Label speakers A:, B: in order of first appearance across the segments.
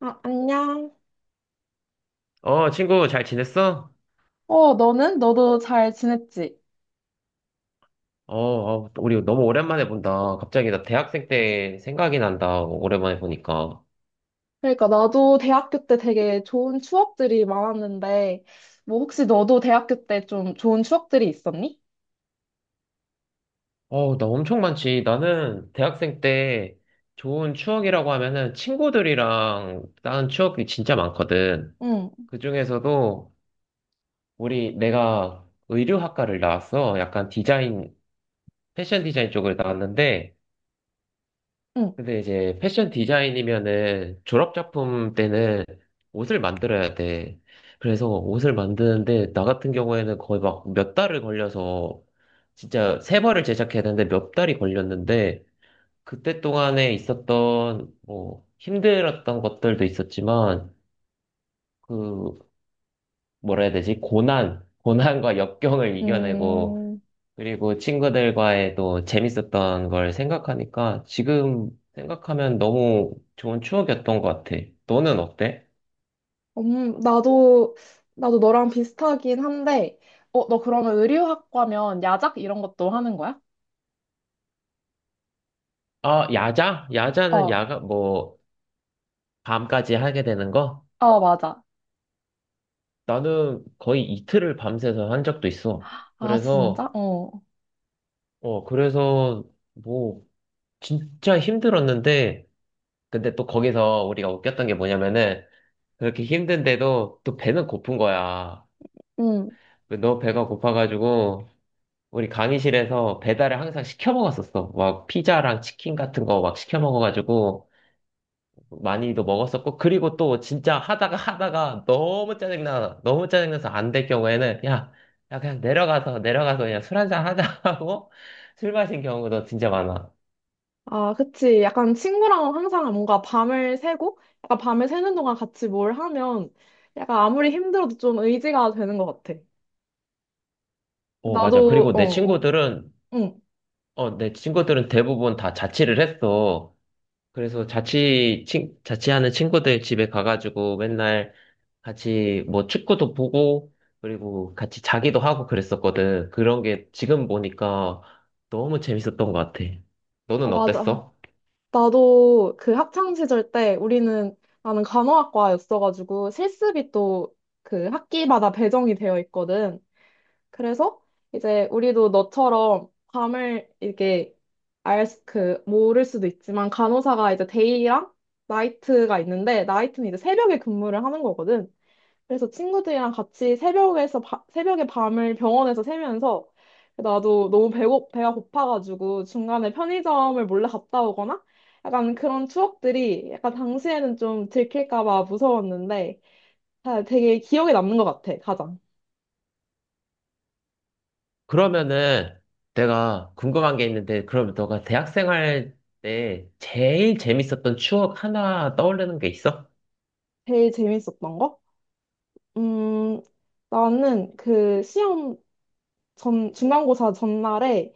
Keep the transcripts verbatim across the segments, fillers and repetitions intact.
A: 아, 안녕.
B: 어, 친구, 잘 지냈어?
A: 어, 너는? 너도 잘 지냈지?
B: 어, 어, 우리 너무 오랜만에 본다. 갑자기 나 대학생 때 생각이 난다. 오랜만에 보니까.
A: 그러니까 나도 대학교 때 되게 좋은 추억들이 많았는데, 뭐 혹시 너도 대학교 때 좀 좋은 추억들이 있었니?
B: 어, 나 엄청 많지. 나는 대학생 때 좋은 추억이라고 하면은 친구들이랑 다는 추억이 진짜 많거든.
A: 응.
B: 그 중에서도 우리, 내가 의류학과를 나왔어. 약간 디자인, 패션 디자인 쪽을 나왔는데,
A: 응.
B: 근데 이제 패션 디자인이면은 졸업 작품 때는 옷을 만들어야 돼. 그래서 옷을 만드는데 나 같은 경우에는 거의 막 몇 달을 걸려서 진짜 세 벌을 제작해야 되는데 몇 달이 걸렸는데 그때 동안에 있었던 뭐 힘들었던 것들도 있었지만 그 뭐라 해야 되지? 고난, 고난과 역경을 이겨내고
A: 음.
B: 그리고 친구들과의 또 재밌었던 걸 생각하니까 지금 생각하면 너무 좋은 추억이었던 것 같아. 너는 어때?
A: 음, 나도, 나도 너랑 비슷하긴 한데, 어, 너 그러면 의류학과면 야작 이런 것도 하는 거야?
B: 아, 야자? 야자는
A: 어.
B: 야가 뭐 밤까지 하게 되는 거?
A: 어, 맞아.
B: 나는 거의 이틀을 밤새서 한 적도 있어.
A: 아, 진짜?
B: 그래서
A: 어.
B: 어 그래서 뭐 진짜 힘들었는데 근데 또 거기서 우리가 웃겼던 게 뭐냐면은 그렇게 힘든데도 또 배는 고픈 거야.
A: 응.
B: 너 배가 고파가지고 우리 강의실에서 배달을 항상 시켜 먹었었어. 막 피자랑 치킨 같은 거 막 시켜 먹어가지고 많이도 먹었었고, 그리고 또 진짜 하다가 하다가 너무 짜증나, 너무 짜증나서 안 될 경우에는 야, 야 그냥 내려가서 내려가서 그냥 술 한잔 하자 하고 술 마신 경우도 진짜 많아.
A: 아, 그치. 약간 친구랑 항상 뭔가 밤을 새고, 약간 밤을 새는 동안 같이 뭘 하면, 약간 아무리 힘들어도 좀 의지가 되는 것 같아.
B: 어, 맞아.
A: 나도.
B: 그리고
A: 어.
B: 내
A: 어.
B: 친구들은
A: 응.
B: 어, 내 친구들은 대부분 다 자취를 했어. 그래서 자취, 친, 자취하는 친구들 집에 가가지고 맨날 같이 뭐 축구도 보고, 그리고 같이 자기도 하고 그랬었거든. 그런 게 지금 보니까 너무 재밌었던 것 같아.
A: 아,
B: 너는
A: 맞아.
B: 어땠어?
A: 나도 그 학창 시절 때 우리는, 나는 간호학과였어가지고 실습이 또 그 학기마다 배정이 되어 있거든. 그래서 이제 우리도 너처럼 밤을 이렇게 알, 수- 그, 모를 수도 있지만 간호사가 이제 데이랑 나이트가 있는데 나이트는 이제 새벽에 근무를 하는 거거든. 그래서 친구들이랑 같이 새벽에서, 바- 새벽에 밤을 병원에서 새면서 나도 너무 배고, 배가 고파가지고 중간에 편의점을 몰래 갔다 오거나 약간 그런 추억들이 약간 당시에는 좀 들킬까 봐 무서웠는데 아, 되게 기억에 남는 것 같아, 가장.
B: 그러면은 내가 궁금한 게 있는데, 그럼 너가 대학 생활 때 제일 재밌었던 추억 하나 떠오르는 게 있어?
A: 제일 재밌었던 거? 음, 나는 그 시험 전, 중간고사 전날에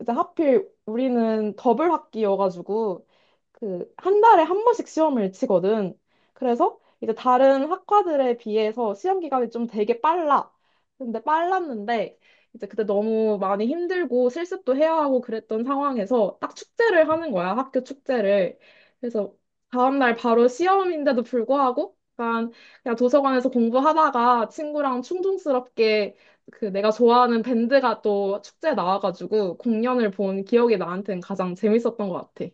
A: 이제 하필 우리는 더블 학기여가지고 그 한 달에 한 번씩 시험을 치거든. 그래서 이제 다른 학과들에 비해서 시험 기간이 좀 되게 빨라. 근데 빨랐는데 이제 그때 너무 많이 힘들고 실습도 해야 하고 그랬던 상황에서 딱 축제를 하는 거야. 학교 축제를. 그래서 다음날 바로 시험인데도 불구하고 약간 그냥 도서관에서 공부하다가 친구랑 충동스럽게 그 내가 좋아하는 밴드가 또 축제에 나와가지고 공연을 본 기억이 나한테는 가장 재밌었던 것 같아.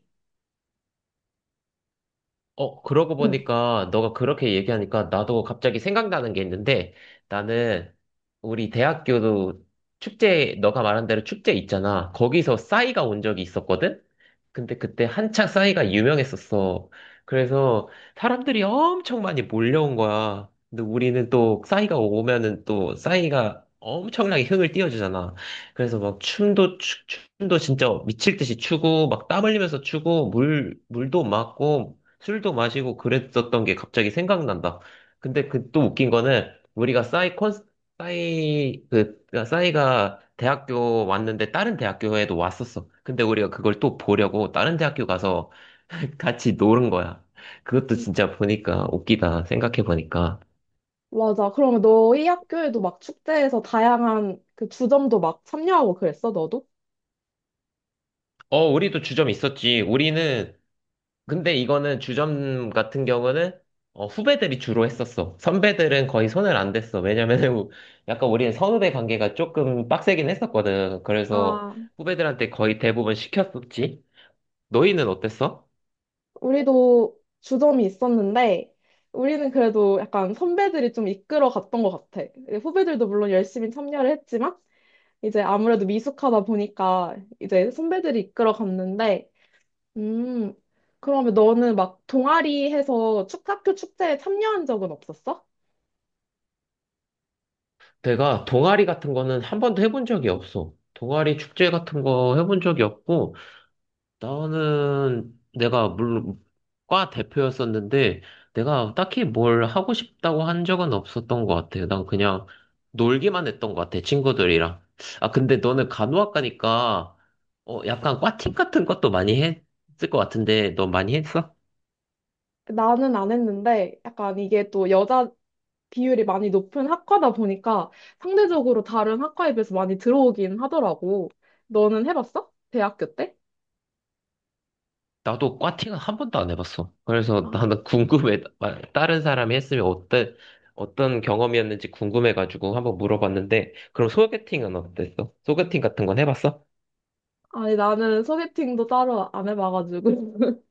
B: 어, 그러고
A: 응.
B: 보니까 너가 그렇게 얘기하니까 나도 갑자기 생각나는 게 있는데 나는 우리 대학교도 축제, 너가 말한 대로 축제 있잖아. 거기서 싸이가 온 적이 있었거든? 근데 그때 한창 싸이가 유명했었어. 그래서 사람들이 엄청 많이 몰려온 거야. 근데 우리는 또 싸이가 오면은 또 싸이가 엄청나게 흥을 띄워주잖아. 그래서 막 춤도 추- 춤도 진짜 미칠 듯이 추고 막 땀 흘리면서 추고 물 물도 맞고 술도 마시고 그랬었던 게 갑자기 생각난다. 근데 그 또 웃긴 거는 우리가 싸이 콘 싸이 그 그러니까 싸이가 대학교 왔는데 다른 대학교에도 왔었어. 근데 우리가 그걸 또 보려고 다른 대학교 가서 같이 노는 거야. 그것도 진짜 보니까 웃기다. 생각해 보니까.
A: 맞아. 그러면 너희 학교에도 막 축제에서 다양한 그 주점도 막 참여하고 그랬어, 너도?
B: 어, 우리도 주점 있었지. 우리는 근데 이거는 주점 같은 경우는 어, 후배들이 주로 했었어. 선배들은 거의 손을 안 댔어. 왜냐면은 우- 약간 우리는 선후배 관계가 조금 빡세긴 했었거든. 그래서
A: 아,
B: 후배들한테 거의 대부분 시켰었지. 너희는 어땠어?
A: 우리도 주점이 있었는데, 우리는 그래도 약간 선배들이 좀 이끌어 갔던 것 같아. 후배들도 물론 열심히 참여를 했지만, 이제 아무래도 미숙하다 보니까 이제 선배들이 이끌어 갔는데, 음, 그러면 너는 막 동아리 해서 축, 학교 축제에 참여한 적은 없었어?
B: 내가 동아리 같은 거는 한 번도 해본 적이 없어. 동아리 축제 같은 거 해본 적이 없고, 나는 내가 물론 과 대표였었는데 내가 딱히 뭘 하고 싶다고 한 적은 없었던 것 같아요. 난 그냥 놀기만 했던 것 같아, 친구들이랑. 아, 근데 너는 간호학과니까 어, 약간 과팅 같은 것도 많이 했을 것 같은데 너 많이 했어?
A: 나는 안 했는데 약간 이게 또 여자 비율이 많이 높은 학과다 보니까 상대적으로 다른 학과에 비해서 많이 들어오긴 하더라고. 너는 해봤어? 대학교 때?
B: 나도 과팅은 한 번도 안 해봤어. 그래서
A: 아.
B: 나는 궁금해. 다른 사람이 했으면 어때, 어떤 경험이었는지 궁금해가지고 한번 물어봤는데 그럼 소개팅은 어땠어? 소개팅 같은 건 해봤어?
A: 아니 나는 소개팅도 따로 안 해봐가지고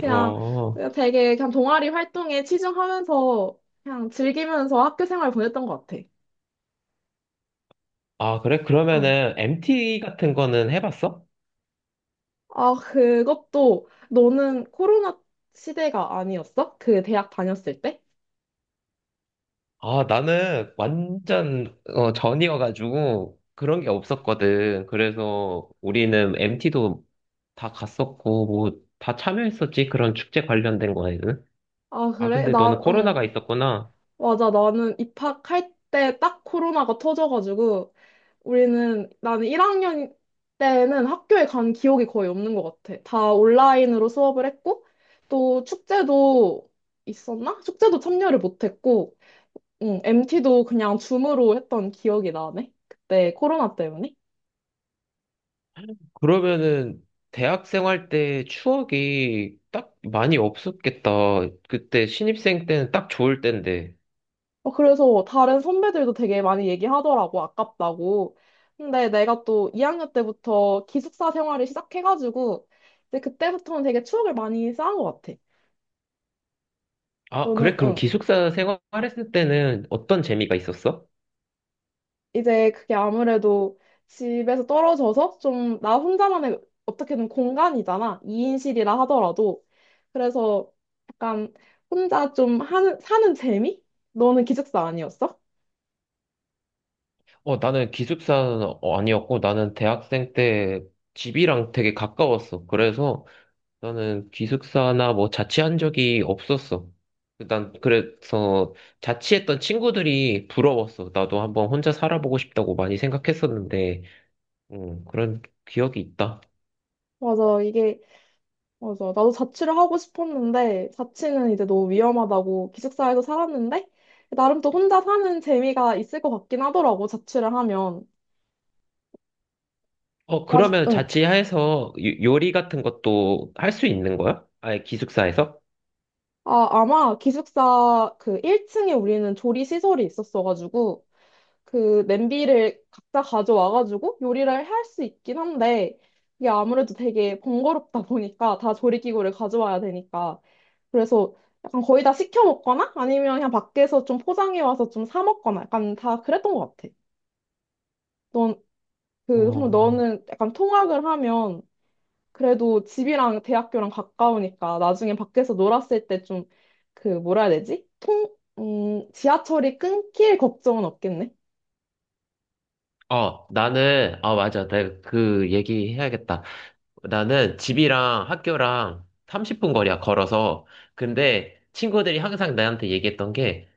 A: 그냥,
B: 어.
A: 그냥 되게 그냥 동아리 활동에 치중하면서 그냥 즐기면서 학교 생활 보냈던 것 같아.
B: 아, 그래?
A: 어.
B: 그러면은 엠티 같은 거는 해봤어?
A: 아, 그것도 너는 코로나 시대가 아니었어? 그 대학 다녔을 때?
B: 아, 나는 완전 어, 전이어가지고 그런 게 없었거든. 그래서 우리는 엠티도 다 갔었고 뭐 다 참여했었지. 그런 축제 관련된 거에는.
A: 아,
B: 아,
A: 그래?
B: 근데 너는
A: 나. 응.
B: 코로나가 있었구나.
A: 맞아. 나는 입학할 때 딱 코로나가 터져가지고 우리는 나는 일 학년 때는 학교에 간 기억이 거의 없는 것 같아. 다 온라인으로 수업을 했고 또 축제도 있었나? 축제도 참여를 못했고 응, 엠티도 그냥 줌으로 했던 기억이 나네. 그때 코로나 때문에.
B: 그러면은 대학생 할 때 추억이 딱 많이 없었겠다. 그때 신입생 때는 딱 좋을 때인데.
A: 어, 그래서 다른 선배들도 되게 많이 얘기하더라고, 아깝다고. 근데 내가 또 이 학년 때부터 기숙사 생활을 시작해가지고, 이제 그때부터는 되게 추억을 많이 쌓은 것 같아.
B: 아,
A: 너는.
B: 그래? 그럼
A: 응.
B: 기숙사 생활했을 때는 어떤 재미가 있었어?
A: 이제 그게 아무래도 집에서 떨어져서 좀 나 혼자만의 어떻게든 공간이잖아. 이 인실이라 하더라도. 그래서 약간 혼자 좀 하는, 사는 재미? 너는 기숙사 아니었어?
B: 어, 나는 기숙사는 어, 아니었고, 나는 대학생 때 집이랑 되게 가까웠어. 그래서 나는 기숙사나 뭐 자취한 적이 없었어. 난 그래서 자취했던 친구들이 부러웠어. 나도 한번 혼자 살아보고 싶다고 많이 생각했었는데, 음, 그런 기억이 있다.
A: 맞아. 이게 맞아. 나도 자취를 하고 싶었는데, 자취는 이제 너무 위험하다고 기숙사에서 살았는데, 나름 또 혼자 사는 재미가 있을 것 같긴 하더라고, 자취를 하면.
B: 어,
A: 아주.
B: 그러면
A: 응.
B: 자취해서 요- 요리 같은 것도 할 수 있는 거야? 아예 기숙사에서?
A: 아, 아마 기숙사 그 일 층에 우리는 조리 시설이 있었어가지고, 그 냄비를 각자 가져와가지고 요리를 할 수 있긴 한데, 이게 아무래도 되게 번거롭다 보니까, 다 조리기구를 가져와야 되니까. 그래서 약간 거의 다 시켜 먹거나 아니면 그냥 밖에서 좀 포장해 와서 좀 사 먹거나 약간 다 그랬던 것 같아. 넌, 그, 그럼
B: 어,
A: 너는 약간 통학을 하면 그래도 집이랑 대학교랑 가까우니까 나중에 밖에서 놀았을 때 좀 그 뭐라 해야 되지? 통, 음, 지하철이 끊길 걱정은 없겠네.
B: 어, 나는, 아, 맞아. 내가 그 얘기 해야겠다. 나는 집이랑 학교랑 삼십 분 거리야, 걸어서. 근데 친구들이 항상 나한테 얘기했던 게,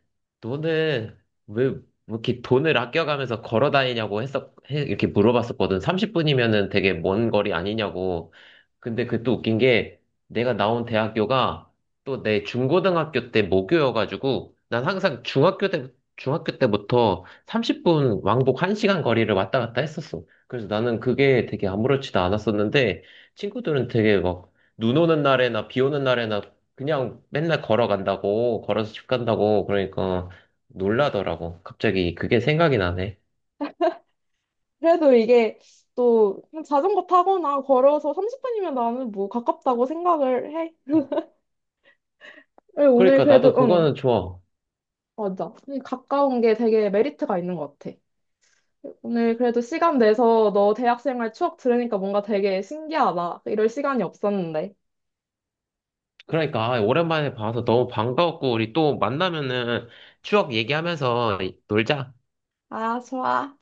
B: 너는 왜, 이렇게 돈을 아껴가면서 걸어 다니냐고 했었, 해- 이렇게 물어봤었거든. 삼십 분이면은 되게 먼 거리 아니냐고. 근데 그 또 웃긴 게, 내가 나온 대학교가 또 내 중고등학교 때 모교여가지고, 난 항상 중학교 때, 중학교 때부터 삼십 분 왕복 한 시간 거리를 왔다 갔다 했었어. 그래서 나는 그게 되게 아무렇지도 않았었는데, 친구들은 되게 막, 눈 오는 날에나 비 오는 날에나 그냥 맨날 걸어간다고, 걸어서 집 간다고, 그러니까 놀라더라고. 갑자기 그게 생각이 나네.
A: 그래도 이게 또 그냥 자전거 타거나 걸어서 삼십 분이면 나는 뭐 가깝다고 생각을 해. 오늘
B: 그러니까
A: 그래도
B: 나도
A: 응.
B: 그거는 좋아.
A: 맞아. 가까운 게 되게 메리트가 있는 것 같아. 오늘 그래도 시간 내서 너 대학생활 추억 들으니까 뭔가 되게 신기하다. 이럴 시간이 없었는데.
B: 그러니까, 아, 오랜만에 봐서 너무 반가웠고, 우리 또 만나면은 추억 얘기하면서 놀자.
A: 아, 좋아.